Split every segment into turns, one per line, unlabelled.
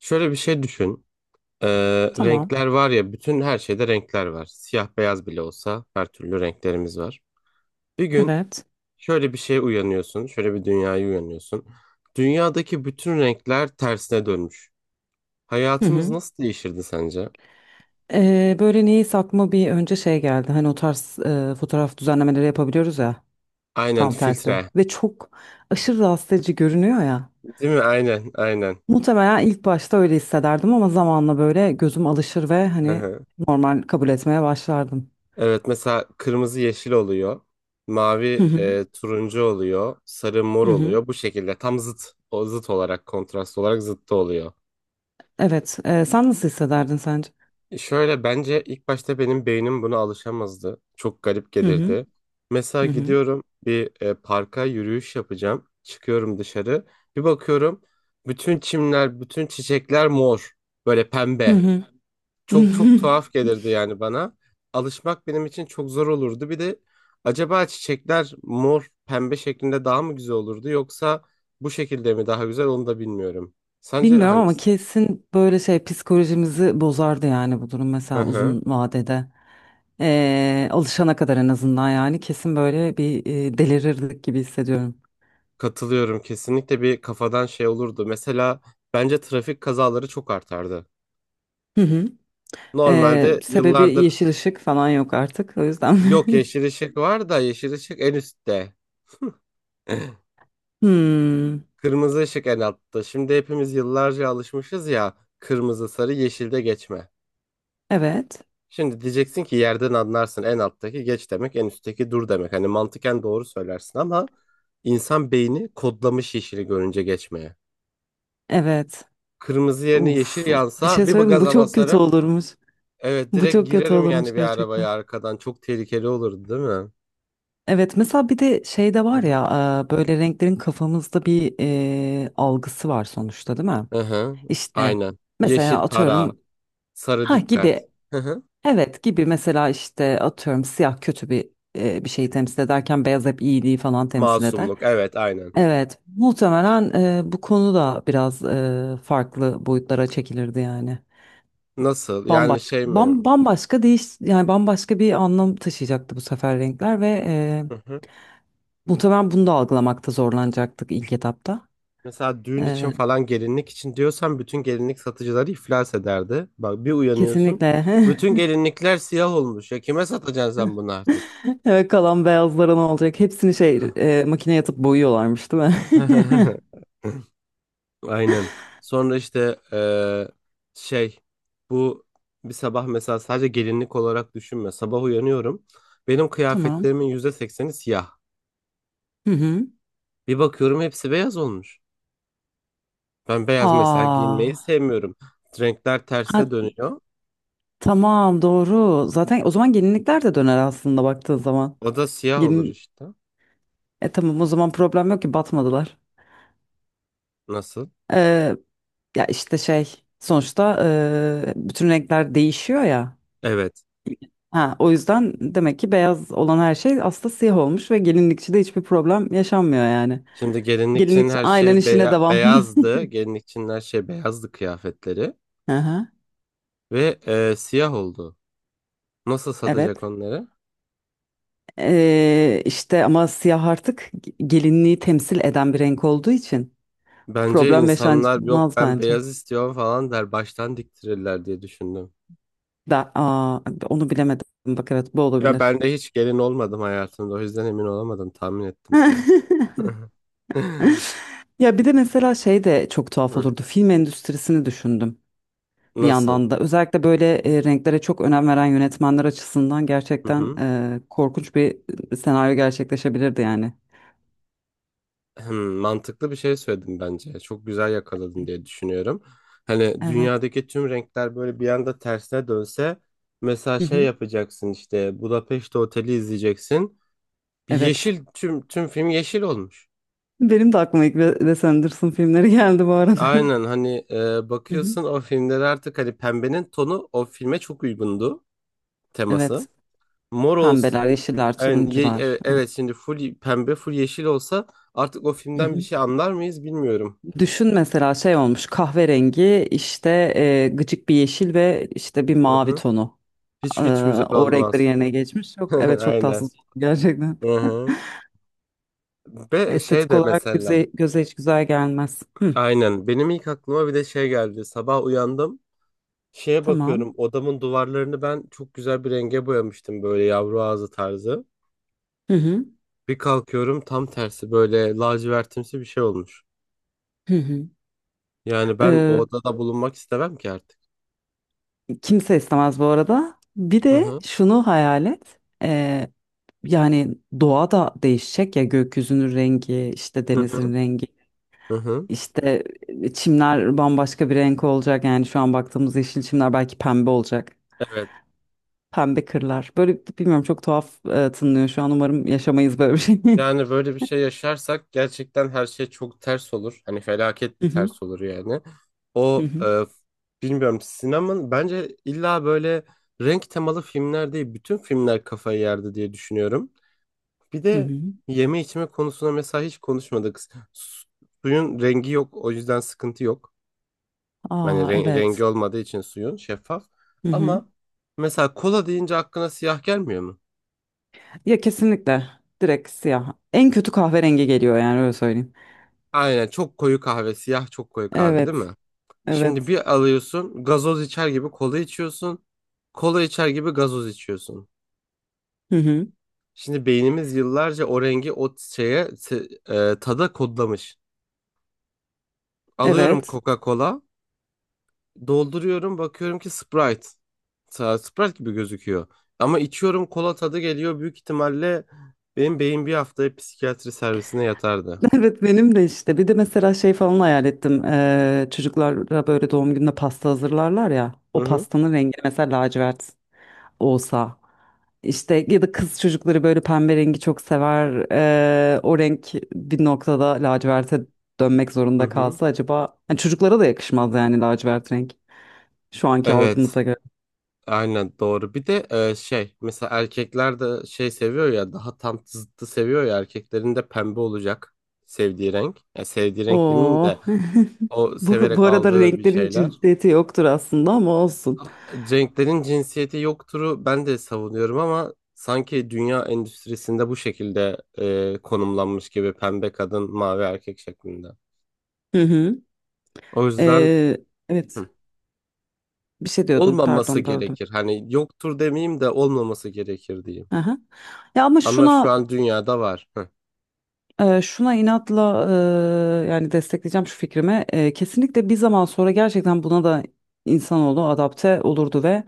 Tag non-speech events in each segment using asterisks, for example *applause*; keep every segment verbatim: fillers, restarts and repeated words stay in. Şöyle bir şey düşün. Ee,
Tamam.
Renkler var ya bütün her şeyde renkler var. Siyah beyaz bile olsa her türlü renklerimiz var. Bir gün
Evet.
şöyle bir şeye uyanıyorsun. Şöyle bir dünyaya uyanıyorsun. Dünyadaki bütün renkler tersine dönmüş.
Hı
Hayatımız
hı.
nasıl değişirdi sence?
Ee, böyle niyeyse aklıma bir önce şey geldi. Hani o tarz e, fotoğraf düzenlemeleri yapabiliyoruz ya.
Aynen,
Tam tersi.
filtre.
Ve çok aşırı rahatsız edici görünüyor ya.
Değil mi? Aynen, aynen.
Muhtemelen ilk başta öyle hissederdim ama zamanla böyle gözüm alışır ve
Hı
hani
hı.
normal kabul etmeye başlardım.
Evet, mesela kırmızı yeşil oluyor.
Hı
Mavi
hı.
e, turuncu oluyor. Sarı
Hı
mor
hı.
oluyor. Bu şekilde tam zıt. O zıt olarak, kontrast olarak zıttı oluyor.
Evet. E, sen nasıl hissederdin sence?
Şöyle, bence ilk başta benim beynim buna alışamazdı. Çok garip
Hı hı.
gelirdi. Mesela
Hı hı.
gidiyorum bir e, parka yürüyüş yapacağım. Çıkıyorum dışarı. Bir bakıyorum bütün çimler, bütün çiçekler mor. Böyle
Hı
pembe.
hı.
Çok çok
*laughs*
tuhaf gelirdi yani bana. Alışmak benim için çok zor olurdu. Bir de acaba çiçekler mor, pembe şeklinde daha mı güzel olurdu yoksa bu şekilde mi daha güzel, onu da bilmiyorum. Sence
Bilmiyorum ama
hangisi?
kesin böyle şey psikolojimizi bozardı yani bu durum
Hı
mesela uzun
hı.
vadede. Ee, alışana kadar en azından yani kesin böyle bir e, delirirdik gibi hissediyorum.
Katılıyorum, kesinlikle bir kafadan şey olurdu. Mesela bence trafik kazaları çok artardı.
Hı hı. Ee,
Normalde
sebebi
yıllardır
yeşil ışık falan yok artık o yüzden.
yok, yeşil
*laughs*
ışık var da yeşil ışık en üstte. *laughs*
Hmm,
Kırmızı ışık en altta. Şimdi hepimiz yıllarca alışmışız ya, kırmızı sarı yeşilde geçme.
evet,
Şimdi diyeceksin ki yerden anlarsın, en alttaki geç demek, en üstteki dur demek. Hani mantıken doğru söylersin ama insan beyni kodlamış yeşili görünce geçmeye.
evet.
Kırmızı yerine yeşil
Uf, bir
yansa
şey
bir
söyleyeyim mi? Bu
gaza
çok kötü
basarım.
olurmuş.
Evet,
Bu
direkt
çok kötü
girerim
olurmuş
yani bir
gerçekten.
arabaya arkadan. Çok tehlikeli olurdu değil mi?
Evet, mesela bir de şey de
Hı
var
hı.
ya e, böyle renklerin kafamızda bir e, algısı var sonuçta değil mi?
Hı hı.
İşte
Aynen.
mesela
Yeşil para,
atıyorum
sarı
ha
dikkat.
gibi.
Hı hı.
Evet gibi mesela işte atıyorum siyah kötü bir e, bir şeyi temsil ederken beyaz hep iyiliği falan temsil eder.
Masumluk. Evet, aynen.
Evet muhtemelen e, bu konu da biraz e, farklı boyutlara çekilirdi yani.
Nasıl? Yani
Bambaşka,
şey mi?
bam, bambaşka değiş yani bambaşka bir anlam taşıyacaktı bu sefer renkler ve e,
Hı hı.
muhtemelen bunu da algılamakta zorlanacaktık ilk etapta.
Mesela düğün
E,
için falan, gelinlik için diyorsan bütün gelinlik satıcıları iflas ederdi. Bak, bir uyanıyorsun.
Kesinlikle.
Bütün
*laughs*
gelinlikler siyah olmuş. Ya kime satacaksın sen bunu artık?
Evet kalan beyazlara ne olacak? Hepsini şey e, makineye atıp boyuyorlarmış değil mi?
*laughs* Aynen. Sonra işte eee, şey, bu bir sabah mesela sadece gelinlik olarak düşünme. Sabah uyanıyorum. Benim
*laughs* Tamam.
kıyafetlerimin yüzde sekseni siyah.
Hı hı.
Bir bakıyorum hepsi beyaz olmuş. Ben beyaz mesela giyinmeyi
Aa,
sevmiyorum. Renkler
ha,
tersine dönüyor.
tamam doğru. Zaten o zaman gelinlikler de döner aslında baktığın zaman.
O da siyah olur
Gelin,
işte.
E tamam o zaman problem yok ki batmadılar.
Nasıl?
Ee, Ya işte şey sonuçta e, bütün renkler değişiyor ya.
Evet.
Ha, o yüzden demek ki beyaz olan her şey aslında siyah olmuş ve gelinlikçide hiçbir problem yaşanmıyor yani.
Şimdi gelinlik için
Gelinlikçi
her
aynen
şey
işine
beya-
devam.
beyazdı. Gelinlik için her şey beyazdı, kıyafetleri.
*laughs* Aha,
Ve eee, siyah oldu. Nasıl satacak
evet.
onları?
Ee, işte ama siyah artık gelinliği temsil eden bir renk olduğu için.
Bence
Problem
insanlar, yok
yaşanmaz
ben
bence.
beyaz istiyorum falan der, baştan diktirirler diye düşündüm.
Da, aa, onu bilemedim. Bak evet bu
Ya
olabilir.
ben de hiç gelin olmadım hayatımda, o yüzden emin olamadım, tahmin ettim sadece.
*laughs*
*laughs*
Ya bir de mesela şey de çok tuhaf
Hı.
olurdu. Film endüstrisini düşündüm bir
Nasıl?
yandan da. Özellikle böyle e, renklere çok önem veren yönetmenler açısından
Hı
gerçekten
hı.
e, korkunç bir senaryo gerçekleşebilirdi yani.
Hmm, Mantıklı bir şey söyledim bence. Çok güzel yakaladın diye düşünüyorum. Hani
Evet.
dünyadaki tüm renkler böyle bir anda tersine dönse, mesela
Hı
şey
hı.
yapacaksın, işte Budapeşte Oteli izleyeceksin. Bir
Evet.
yeşil, tüm tüm film yeşil olmuş.
Benim de aklıma ilk Wes Anderson filmleri geldi bu arada. *laughs*
Aynen, hani e,
Hı hı.
bakıyorsun o filmlere artık, hani pembenin tonu o filme çok uygundu teması.
Evet.
Mor
Pembeler,
olsun.
yeşiller,
Yani, ye-
turuncular.
e- evet, şimdi full pembe, full yeşil olsa artık o filmden bir
Evet.
şey anlar mıyız bilmiyorum.
Düşün mesela şey olmuş kahverengi işte e, gıcık bir yeşil ve işte bir
Hı
mavi
hı.
tonu. E,
Hiç hiç güzel
O renkleri
olmaz.
yerine geçmiş. Yok
*laughs*
evet çok
Aynen.
tatsız oldu gerçekten.
Hı hı. Ve şey
Estetik
de
olarak
mesela,
göze, göze hiç güzel gelmez. Hı,
aynen, benim ilk aklıma bir de şey geldi. Sabah uyandım, şeye
tamam.
bakıyorum, odamın duvarlarını ben çok güzel bir renge boyamıştım, böyle yavru ağzı tarzı.
Hı hı,
Bir kalkıyorum, tam tersi, böyle lacivertimsi bir şey olmuş.
hı hı.
Yani ben o
E,
odada bulunmak istemem ki artık.
Kimse istemez bu arada. Bir
Hı
de
hı
şunu hayal et. E, yani doğa da değişecek ya, gökyüzünün rengi, işte
hı hı
denizin rengi.
hı hı.
İşte e, çimler bambaşka bir renk olacak. Yani şu an baktığımız yeşil çimler belki pembe olacak.
Evet.
Pembe kırlar. Böyle bilmiyorum çok tuhaf e, tınlıyor şu an. Umarım yaşamayız böyle bir şey. *laughs*
Yani böyle bir şey yaşarsak gerçekten her şey çok ters olur. Hani felaket
Hı
bir
hı
ters olur yani.
hı
O
hı.
e, Bilmiyorum, sinemanın, bence illa böyle renk temalı filmler değil, bütün filmler kafayı yerdi diye düşünüyorum. Bir
Hı
de
hı.
yeme içme konusuna mesela hiç konuşmadık. Su- Suyun rengi yok, o yüzden sıkıntı yok. Hani
Aa
ren- rengi
evet.
olmadığı için suyun, şeffaf.
Hı hı.
Ama mesela kola deyince aklına siyah gelmiyor mu?
Ya kesinlikle direkt siyah. En kötü kahverengi geliyor yani öyle söyleyeyim.
Aynen, çok koyu kahve, siyah çok koyu kahve, değil
Evet.
mi? Şimdi
Evet.
bir alıyorsun, gazoz içer gibi kola içiyorsun. Kola içer gibi gazoz içiyorsun.
Hı hı.
Şimdi beynimiz yıllarca o rengi, o şeye, se- e, tada kodlamış. Alıyorum
Evet. *laughs*
Coca-Cola. Dolduruyorum, bakıyorum ki Sprite. Sa- Sprite gibi gözüküyor. Ama içiyorum, kola tadı geliyor. Büyük ihtimalle benim beyin bir haftaya psikiyatri servisine yatardı.
Evet benim de işte. Bir de mesela şey falan hayal ettim. Ee, çocuklara böyle doğum gününe pasta hazırlarlar ya.
Hı
O
hı.
pastanın rengi mesela lacivert olsa, işte ya da kız çocukları böyle pembe rengi çok sever, eee, o renk bir noktada laciverte dönmek
Hı
zorunda
hı.
kalsa acaba, yani çocuklara da yakışmaz yani lacivert renk şu anki
Evet.
algımıza göre.
Aynen doğru. Bir de e, şey, mesela erkekler de şey seviyor ya, daha tam zıttı seviyor ya, erkeklerin de pembe olacak sevdiği renk. Ya sevdiği renk demeyeyim
Oo.
de,
*laughs*
o
Bu, bu
severek
arada
aldığı bir
renklerin
şeyler.
cinsiyeti yoktur aslında ama olsun.
Cenklerin cinsiyeti yoktur'u ben de savunuyorum ama sanki dünya endüstrisinde bu şekilde e, konumlanmış gibi, pembe kadın, mavi erkek şeklinde.
Hı hı.
O yüzden
Eee, evet,
hı,
bir şey diyordun
olmaması
pardon böldüm.
gerekir. Hani yoktur demeyeyim de, olmaması gerekir diyeyim.
Aha. Ya ama
Ama şu
şuna
an dünyada var. Hı,
Eee, şuna inatla eee, yani destekleyeceğim şu fikrimi. Eee, kesinlikle bir zaman sonra gerçekten buna da insanoğlu adapte olurdu ve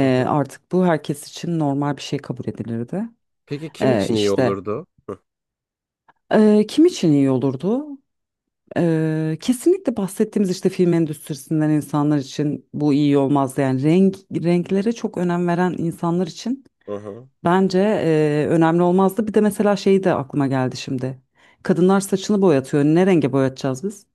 hı hı.
artık bu herkes için normal bir şey kabul edilirdi.
Peki kim
Eee
için iyi
işte
olurdu?
eee, kim için iyi olurdu? Eee, kesinlikle bahsettiğimiz işte film endüstrisinden insanlar için bu iyi olmazdı. Yani renk renklere çok önem veren insanlar için
Hı hı.
bence eee, önemli olmazdı. Bir de mesela şey de aklıma geldi şimdi. Kadınlar saçını boyatıyor. Ne renge boyatacağız biz?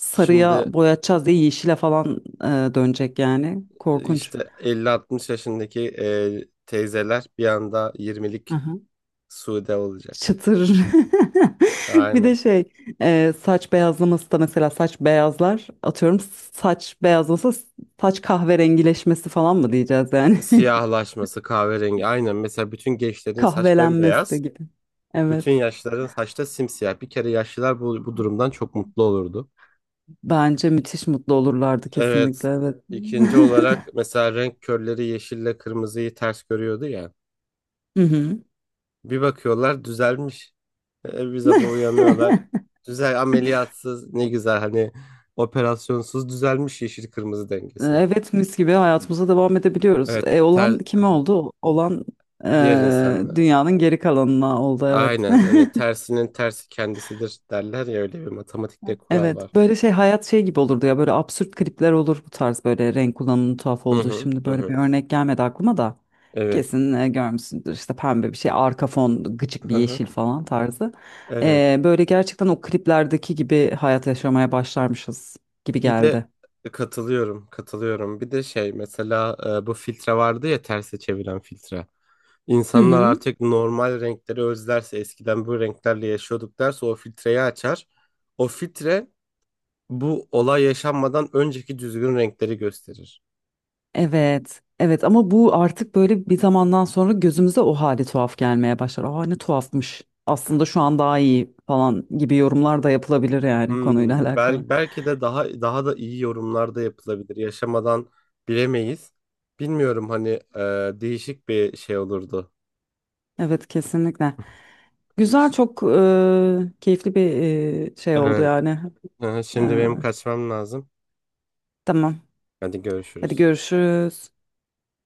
Sarıya
Şimdi
boyatacağız diye yeşile falan e, dönecek yani. Korkunç.
işte elli altmış yaşındaki e, teyzeler bir anda yirmilik
Aha.
Sude olacak.
Çıtır. *laughs* Bir de
Aynen.
şey e, saç beyazlaması da mesela saç beyazlar atıyorum saç beyazlasa saç kahverengileşmesi falan mı diyeceğiz yani. *laughs*
Siyahlaşması, kahverengi. Aynen. Mesela bütün gençlerin saç
Kahvelenmesi de
bembeyaz.
gibi.
Bütün
Evet.
yaşlıların saçta simsiyah. Bir kere yaşlılar bu, bu durumdan çok mutlu olurdu.
Bence müthiş mutlu olurlardı
Evet.
kesinlikle evet.
İkinci
*laughs*
olarak mesela, renk körleri yeşille kırmızıyı ters görüyordu ya.
Hı hı.
Bir bakıyorlar düzelmiş. E, bir sabah
*laughs*
uyanıyorlar. Güzel, ameliyatsız, ne güzel, hani operasyonsuz düzelmiş yeşil kırmızı
Ee,
dengesi.
Evet mis gibi hayatımıza devam edebiliyoruz.
Evet,
E,
ter,
olan kime oldu? Olan
diğer
e,
insanlar.
dünyanın geri kalanına oldu evet.
Aynen, hani
*laughs*
tersinin tersi kendisidir derler ya, öyle bir matematikte kural var.
Evet böyle şey hayat şey gibi olurdu ya, böyle absürt klipler olur bu tarz böyle renk kullanımının tuhaf
Hı
olduğu.
hı
Şimdi
hı.
böyle
Hı.
bir örnek gelmedi aklıma da
Evet.
kesin e, görmüşsündür işte pembe bir şey arka fon gıcık bir
Hı hı.
yeşil falan tarzı.
Evet.
E, böyle gerçekten o kliplerdeki gibi hayat yaşamaya başlarmışız gibi
Bir de
geldi.
e, katılıyorum, katılıyorum. Bir de şey, mesela e, bu filtre vardı ya, terse çeviren filtre.
Hı
İnsanlar
hı.
artık normal renkleri özlerse, eskiden bu renklerle yaşıyorduk derse o filtreyi açar. O filtre bu olay yaşanmadan önceki düzgün renkleri gösterir.
Evet, evet ama bu artık böyle bir zamandan sonra gözümüze o hali tuhaf gelmeye başlar. Aa ne tuhafmış. Aslında şu an daha iyi falan gibi yorumlar da yapılabilir yani konuyla *laughs*
Hmm,
alakalı.
bel- belki de daha daha da iyi yorumlar da yapılabilir. Yaşamadan bilemeyiz. Bilmiyorum, hani e, değişik bir şey olurdu.
Evet kesinlikle. Güzel, çok e, keyifli bir e, şey oldu
Evet.
yani.
Hı hı.
E,
Şimdi benim kaçmam lazım.
tamam.
Hadi
Hadi
görüşürüz.
görüşürüz.